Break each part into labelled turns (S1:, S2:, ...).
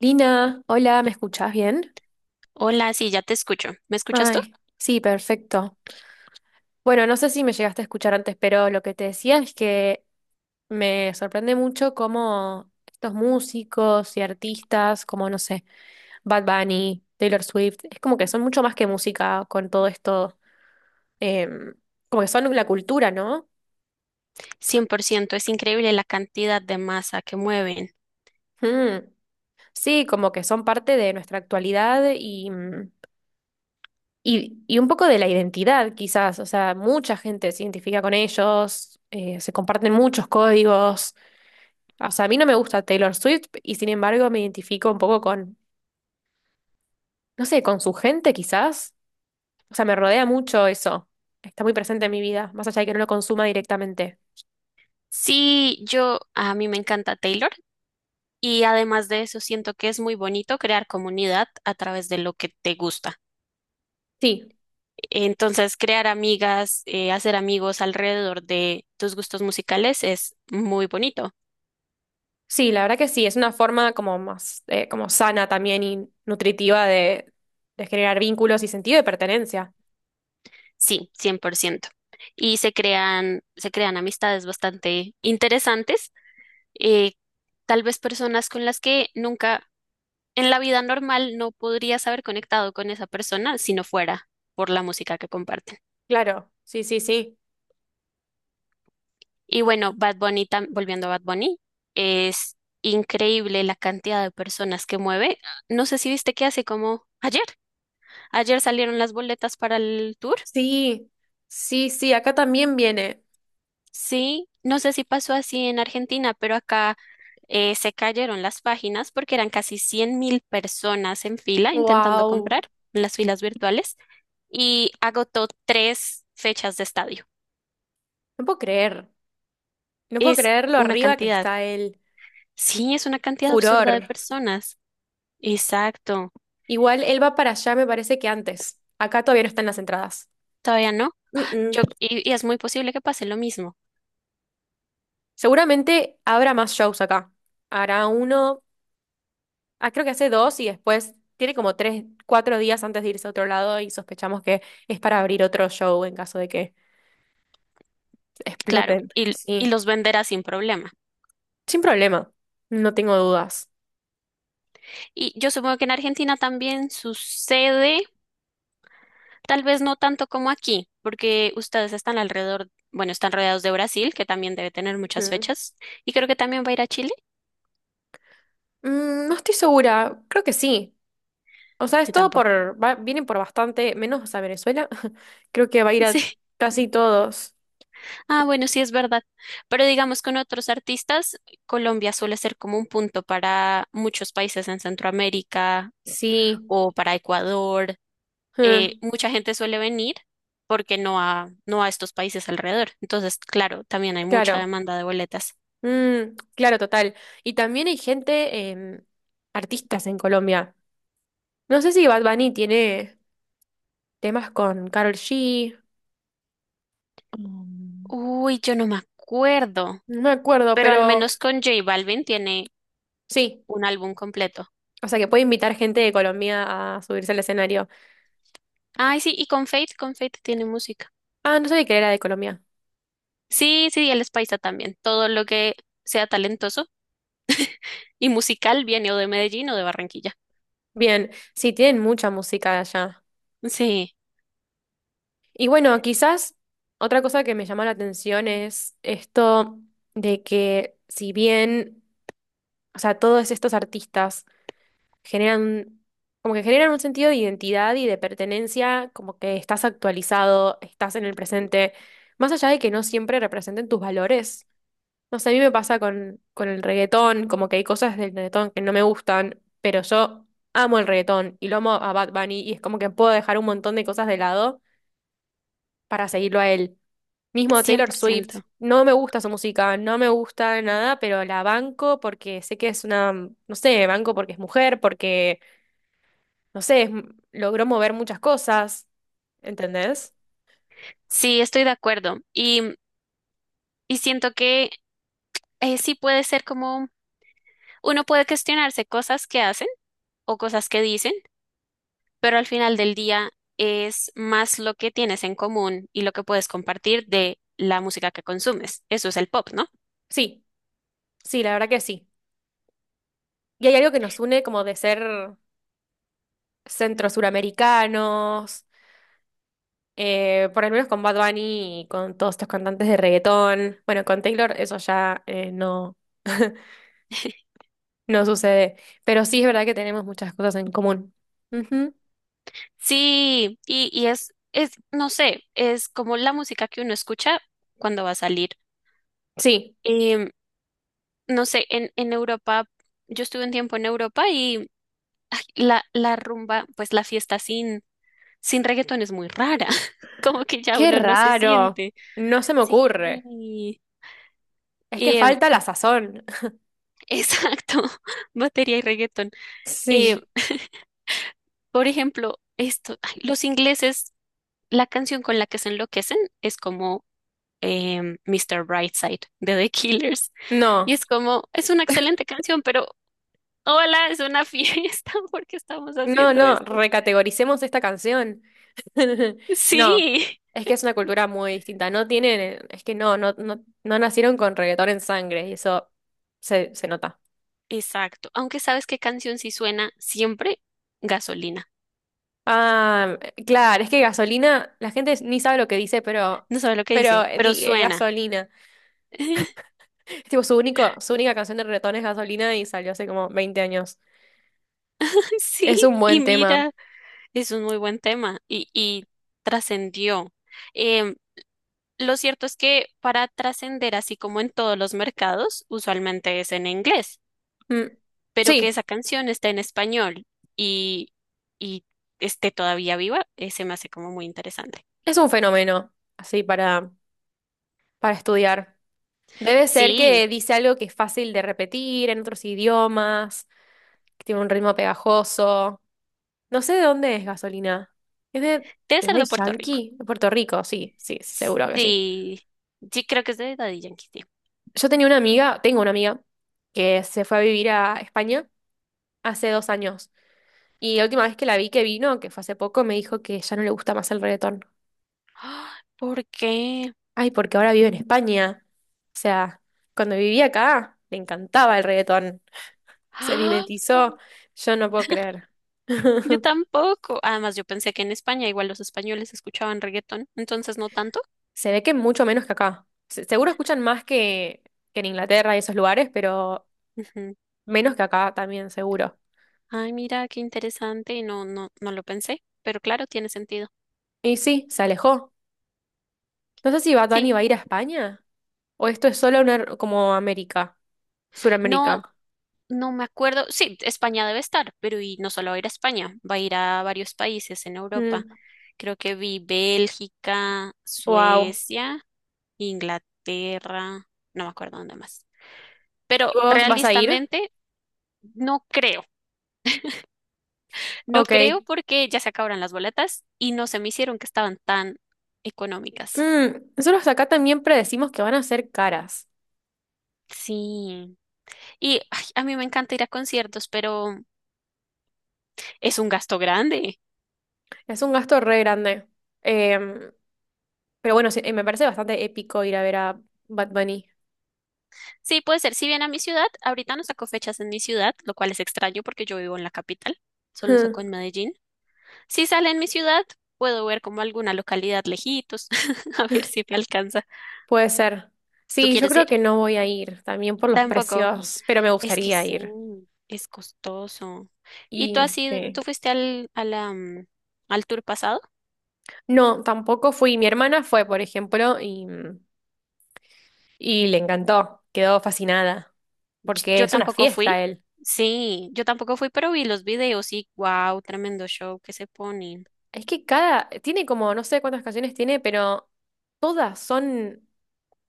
S1: Lina, hola, ¿me escuchás bien?
S2: Hola, sí, ya te escucho. ¿Me escuchas tú?
S1: Ay, sí, perfecto. Bueno, no sé si me llegaste a escuchar antes, pero lo que te decía es que me sorprende mucho cómo estos músicos y artistas, como no sé, Bad Bunny, Taylor Swift, es como que son mucho más que música con todo esto, em, como que son la cultura, ¿no?
S2: 100%. Es increíble la cantidad de masa que mueven.
S1: Mm. Sí, como que son parte de nuestra actualidad y y un poco de la identidad, quizás, o sea, mucha gente se identifica con ellos, se comparten muchos códigos. O sea, a mí no me gusta Taylor Swift y sin embargo me identifico un poco con no sé, con su gente quizás. O sea, me rodea mucho eso. Está muy presente en mi vida, más allá de que no lo consuma directamente.
S2: Sí, a mí me encanta Taylor y además de eso siento que es muy bonito crear comunidad a través de lo que te gusta.
S1: Sí,
S2: Entonces, crear amigas, hacer amigos alrededor de tus gustos musicales es muy bonito.
S1: sí, la verdad que sí, es una forma como más, como sana también y nutritiva de generar vínculos y sentido de pertenencia.
S2: Sí, 100%. Y se crean amistades bastante interesantes, eh, tal vez personas con las que nunca en la vida normal no podrías haber conectado con esa persona si no fuera por la música que comparten.
S1: Claro, sí, sí, sí.
S2: Y bueno, Bad Bunny, volviendo a Bad Bunny, es increíble la cantidad de personas que mueve. No sé si viste que hace como ayer. Ayer salieron las boletas para el tour.
S1: Sí, sí, sí, acá también viene.
S2: Sí, no sé si pasó así en Argentina, pero acá se cayeron las páginas porque eran casi 100,000 personas en fila intentando
S1: Wow,
S2: comprar en las filas virtuales y agotó tres fechas de estadio.
S1: no puedo creer, no puedo
S2: Es
S1: creer lo
S2: una
S1: arriba que
S2: cantidad.
S1: está el
S2: Sí, es una cantidad
S1: furor.
S2: absurda de personas. Exacto.
S1: Igual él va para allá, me parece que antes. Acá todavía no están las entradas.
S2: Todavía no.
S1: Mm, mm.
S2: Y es muy posible que pase lo mismo.
S1: Seguramente habrá más shows acá. Hará uno, ah, creo que hace dos y después tiene como tres, cuatro días antes de irse a otro lado y sospechamos que es para abrir otro show en caso de que
S2: Claro.
S1: exploten.
S2: Y
S1: Sí,
S2: los venderá sin problema.
S1: sin problema, no tengo dudas.
S2: Y yo supongo que en Argentina también sucede. Tal vez no tanto como aquí, porque ustedes están alrededor, bueno, están rodeados de Brasil, que también debe tener muchas
S1: Mm.
S2: fechas, y creo que también va a ir a Chile.
S1: Mm, no estoy segura, creo que sí. O sea, es
S2: Yo
S1: todo
S2: tampoco.
S1: por, vienen por bastante, menos a Venezuela. Creo que va a ir a
S2: Sí.
S1: casi todos.
S2: Ah, bueno, sí es verdad. Pero digamos con otros artistas, Colombia suele ser como un punto para muchos países en Centroamérica
S1: Sí,
S2: o para Ecuador.
S1: mm,
S2: Mucha gente suele venir porque no a estos países alrededor. Entonces, claro, también hay mucha
S1: claro.
S2: demanda de boletas.
S1: Mm, claro, total. Y también hay gente, artistas en Colombia. No sé si Bad Bunny tiene temas con Karol G. Mm,
S2: Uy, yo no me acuerdo,
S1: no me acuerdo,
S2: pero al
S1: pero
S2: menos con J Balvin tiene
S1: sí.
S2: un álbum completo.
S1: O sea, que puede invitar gente de Colombia a subirse al escenario.
S2: Ay, sí, y con Fate tiene música.
S1: Ah, no sabía que era de Colombia.
S2: Sí, sí, y él es paisa también. Todo lo que sea talentoso y musical viene o de Medellín o de Barranquilla.
S1: Bien, sí, tienen mucha música de allá.
S2: Sí,
S1: Y bueno, quizás otra cosa que me llama la atención es esto de que si bien, o sea, todos estos artistas generan, como que generan un sentido de identidad y de pertenencia, como que estás actualizado, estás en el presente, más allá de que no siempre representen tus valores. No sé, a mí me pasa con el reggaetón, como que hay cosas del reggaetón que no me gustan, pero yo amo el reggaetón y lo amo a Bad Bunny y es como que puedo dejar un montón de cosas de lado para seguirlo a él. Mismo
S2: cien
S1: Taylor
S2: por
S1: Swift,
S2: ciento.
S1: no me gusta su música, no me gusta nada, pero la banco porque sé que es una, no sé, banco porque es mujer, porque, no sé, logró mover muchas cosas, ¿entendés?
S2: Sí, estoy de acuerdo. Y siento que sí puede ser como, uno puede cuestionarse cosas que hacen o cosas que dicen, pero al final del día es más lo que tienes en común y lo que puedes compartir de la música que consumes. Eso es el pop, ¿no?
S1: Sí, sí, la verdad que sí. Y hay algo que nos une como de ser centro-suramericanos, por lo menos con Bad Bunny y con todos estos cantantes de reggaetón. Bueno, con Taylor eso ya no, no sucede, pero sí es verdad que tenemos muchas cosas en común. Ujú.
S2: Sí, no sé, es como la música que uno escucha cuando va a salir.
S1: Sí.
S2: Em, no sé, en Europa, yo estuve un tiempo en Europa y ay, la rumba, pues la fiesta sin reggaetón es muy rara, como que ya
S1: Qué
S2: uno no se
S1: raro.
S2: siente.
S1: No se me
S2: Sí,
S1: ocurre. Es que
S2: em,
S1: falta la sazón.
S2: exacto, batería y reggaetón. Em,
S1: Sí.
S2: por ejemplo, esto, ay, los ingleses, la canción con la que se enloquecen es como Mr. Brightside de The Killers. Y
S1: No,
S2: es como, es una excelente canción, pero hola, es una fiesta porque estamos
S1: no,
S2: haciendo
S1: no.
S2: esto.
S1: Recategoricemos esta canción. No.
S2: Sí,
S1: Es que es una cultura muy distinta. No tienen, es que no, no, no, no nacieron con reggaetón en sangre y eso se nota.
S2: exacto. Aunque sabes qué canción sí suena siempre, gasolina.
S1: Ah, claro, es que gasolina, la gente ni sabe lo que dice,
S2: No sabe lo que
S1: pero
S2: dice, pero suena.
S1: gasolina. Es tipo su único, su única canción de reggaetón es gasolina y salió hace como 20 años. Es
S2: Sí,
S1: un
S2: y
S1: buen tema.
S2: mira, es un muy buen tema y trascendió. Em, lo cierto es que para trascender, así como en todos los mercados, usualmente es en inglés.
S1: Mm,
S2: Pero que
S1: sí,
S2: esa canción está en español y, y esté todavía viva, se me hace como muy interesante.
S1: es un fenómeno así para estudiar. Debe ser
S2: Sí,
S1: que dice algo que es fácil de repetir en otros idiomas, que tiene un ritmo pegajoso. No sé de dónde es Gasolina. ¿Es
S2: debe
S1: de
S2: ser
S1: Daddy
S2: de Puerto Rico.
S1: Yankee? De Puerto Rico, sí, sí, seguro que sí.
S2: Sí, sí, creo que es de Daddy Yankee, sí.
S1: Yo tenía una amiga, tengo una amiga, que se fue a vivir a España hace 2 años. Y la última vez que la vi que vino, que fue hace poco, me dijo que ya no le gusta más el reggaetón.
S2: ¡Ah! ¿Por qué?
S1: Ay, porque ahora vive en España. O sea, cuando vivía acá, le encantaba el reggaetón. Se
S2: ¡Ah!
S1: mimetizó. Yo no puedo creer.
S2: Yo tampoco. Además, yo pensé que en España igual los españoles escuchaban reggaetón, entonces no tanto.
S1: Se ve que mucho menos que acá. Seguro escuchan más que en Inglaterra y esos lugares, pero
S2: Ujú.
S1: menos que acá también, seguro.
S2: Ay, mira, qué interesante. No, no, no lo pensé, pero claro, tiene sentido.
S1: Y sí, se alejó. No sé si Bad Bunny
S2: Sí,
S1: va a ir a España o esto es solo una, como América,
S2: no,
S1: Suramérica.
S2: no me acuerdo. Sí, España debe estar, pero y no solo va a ir a España, va a ir a varios países en Europa. Creo que vi Bélgica,
S1: Wow.
S2: Suecia, Inglaterra, no me acuerdo dónde más. Pero
S1: ¿Y vos vas a ir?
S2: realistamente no creo, no
S1: Ok.
S2: creo porque ya se acabaron las boletas y no se me hicieron que estaban tan económicas.
S1: Mm, nosotros acá también predecimos que van a ser caras.
S2: Sí. Y ay, a mí me encanta ir a conciertos, pero es un gasto grande.
S1: Es un gasto re grande. Em, pero bueno, sí, me parece bastante épico ir a ver a Bad Bunny.
S2: Sí, puede ser. Si viene a mi ciudad, ahorita no saco fechas en mi ciudad, lo cual es extraño porque yo vivo en la capital, solo saco en Medellín. Si sale en mi ciudad, puedo ver como alguna localidad lejitos, a ver si me alcanza.
S1: Puede ser.
S2: ¿Tú
S1: Sí, yo
S2: quieres
S1: creo
S2: ir?
S1: que no voy a ir, también por los
S2: Tampoco.
S1: precios, pero me
S2: Es que
S1: gustaría
S2: sí,
S1: ir.
S2: es costoso. ¿Y tú
S1: Y
S2: has ido,
S1: sí.
S2: tú fuiste al, a la, mm, al tour pasado?
S1: No, tampoco fui. Mi hermana fue, por ejemplo, y le encantó. Quedó fascinada. Porque
S2: Yo
S1: es una
S2: tampoco
S1: fiesta
S2: fui.
S1: él.
S2: Sí, yo tampoco fui, pero vi los videos y wow, tremendo show que se ponen.
S1: Es que cada, tiene como, no sé cuántas canciones tiene, pero todas son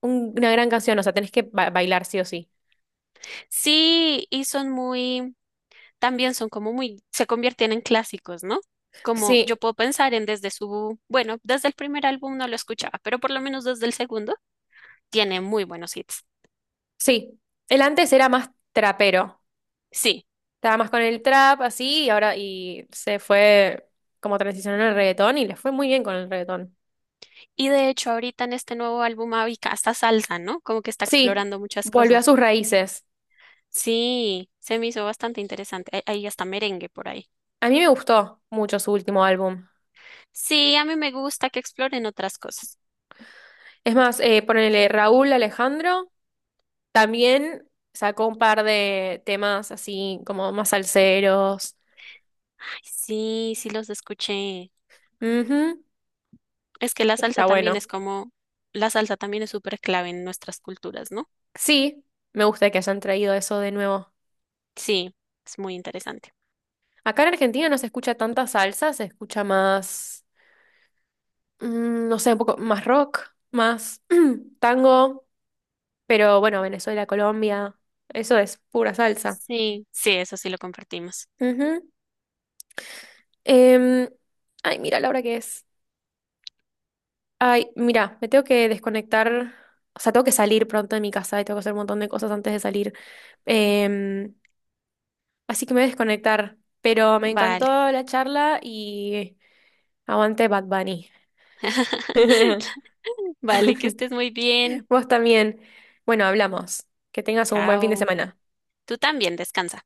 S1: una gran canción. O sea, tenés que bailar sí o sí.
S2: Sí, y son muy también son como muy, se convierten en clásicos, ¿no? Como
S1: Sí,
S2: yo puedo pensar en desde su, bueno, desde el primer álbum no lo escuchaba, pero por lo menos desde el segundo tiene muy buenos hits.
S1: sí, el antes era más trapero,
S2: Sí,
S1: estaba más con el trap así y ahora y se fue como transicionó al reggaetón y le fue muy bien con el reggaetón.
S2: y de hecho ahorita en este nuevo álbum Avica hasta salsa, ¿no? Como que está
S1: Sí,
S2: explorando muchas
S1: volvió a
S2: cosas.
S1: sus raíces.
S2: Sí, se me hizo bastante interesante. Ahí hasta merengue por ahí.
S1: A mí me gustó mucho su último álbum.
S2: Sí, a mí me gusta que exploren otras cosas.
S1: Es más, ponele Raúl Alejandro también sacó un par de temas así como más salseros.
S2: Ay, sí, sí los escuché.
S1: Ujú,
S2: Es que la salsa
S1: está
S2: también
S1: bueno.
S2: es como, la salsa también es súper clave en nuestras culturas, ¿no?
S1: Sí, me gusta que hayan traído eso de nuevo.
S2: Sí, es muy interesante.
S1: Acá en Argentina no se escucha tanta salsa, se escucha más no sé, un poco más rock, más tango, pero bueno, Venezuela, Colombia, eso es pura salsa.
S2: Sí, sí, eso sí lo compartimos.
S1: Ujú. Em, ay, mira la hora que es. Ay, mira, me tengo que desconectar, o sea, tengo que salir pronto de mi casa y tengo que hacer un montón de cosas antes de salir. Em, así que me voy a desconectar, pero me encantó
S2: Vale.
S1: la charla y aguante Bad Bunny.
S2: Vale, que estés muy bien.
S1: Vos también. Bueno, hablamos. Que tengas un buen fin de
S2: Chao.
S1: semana.
S2: Tú también, descansa.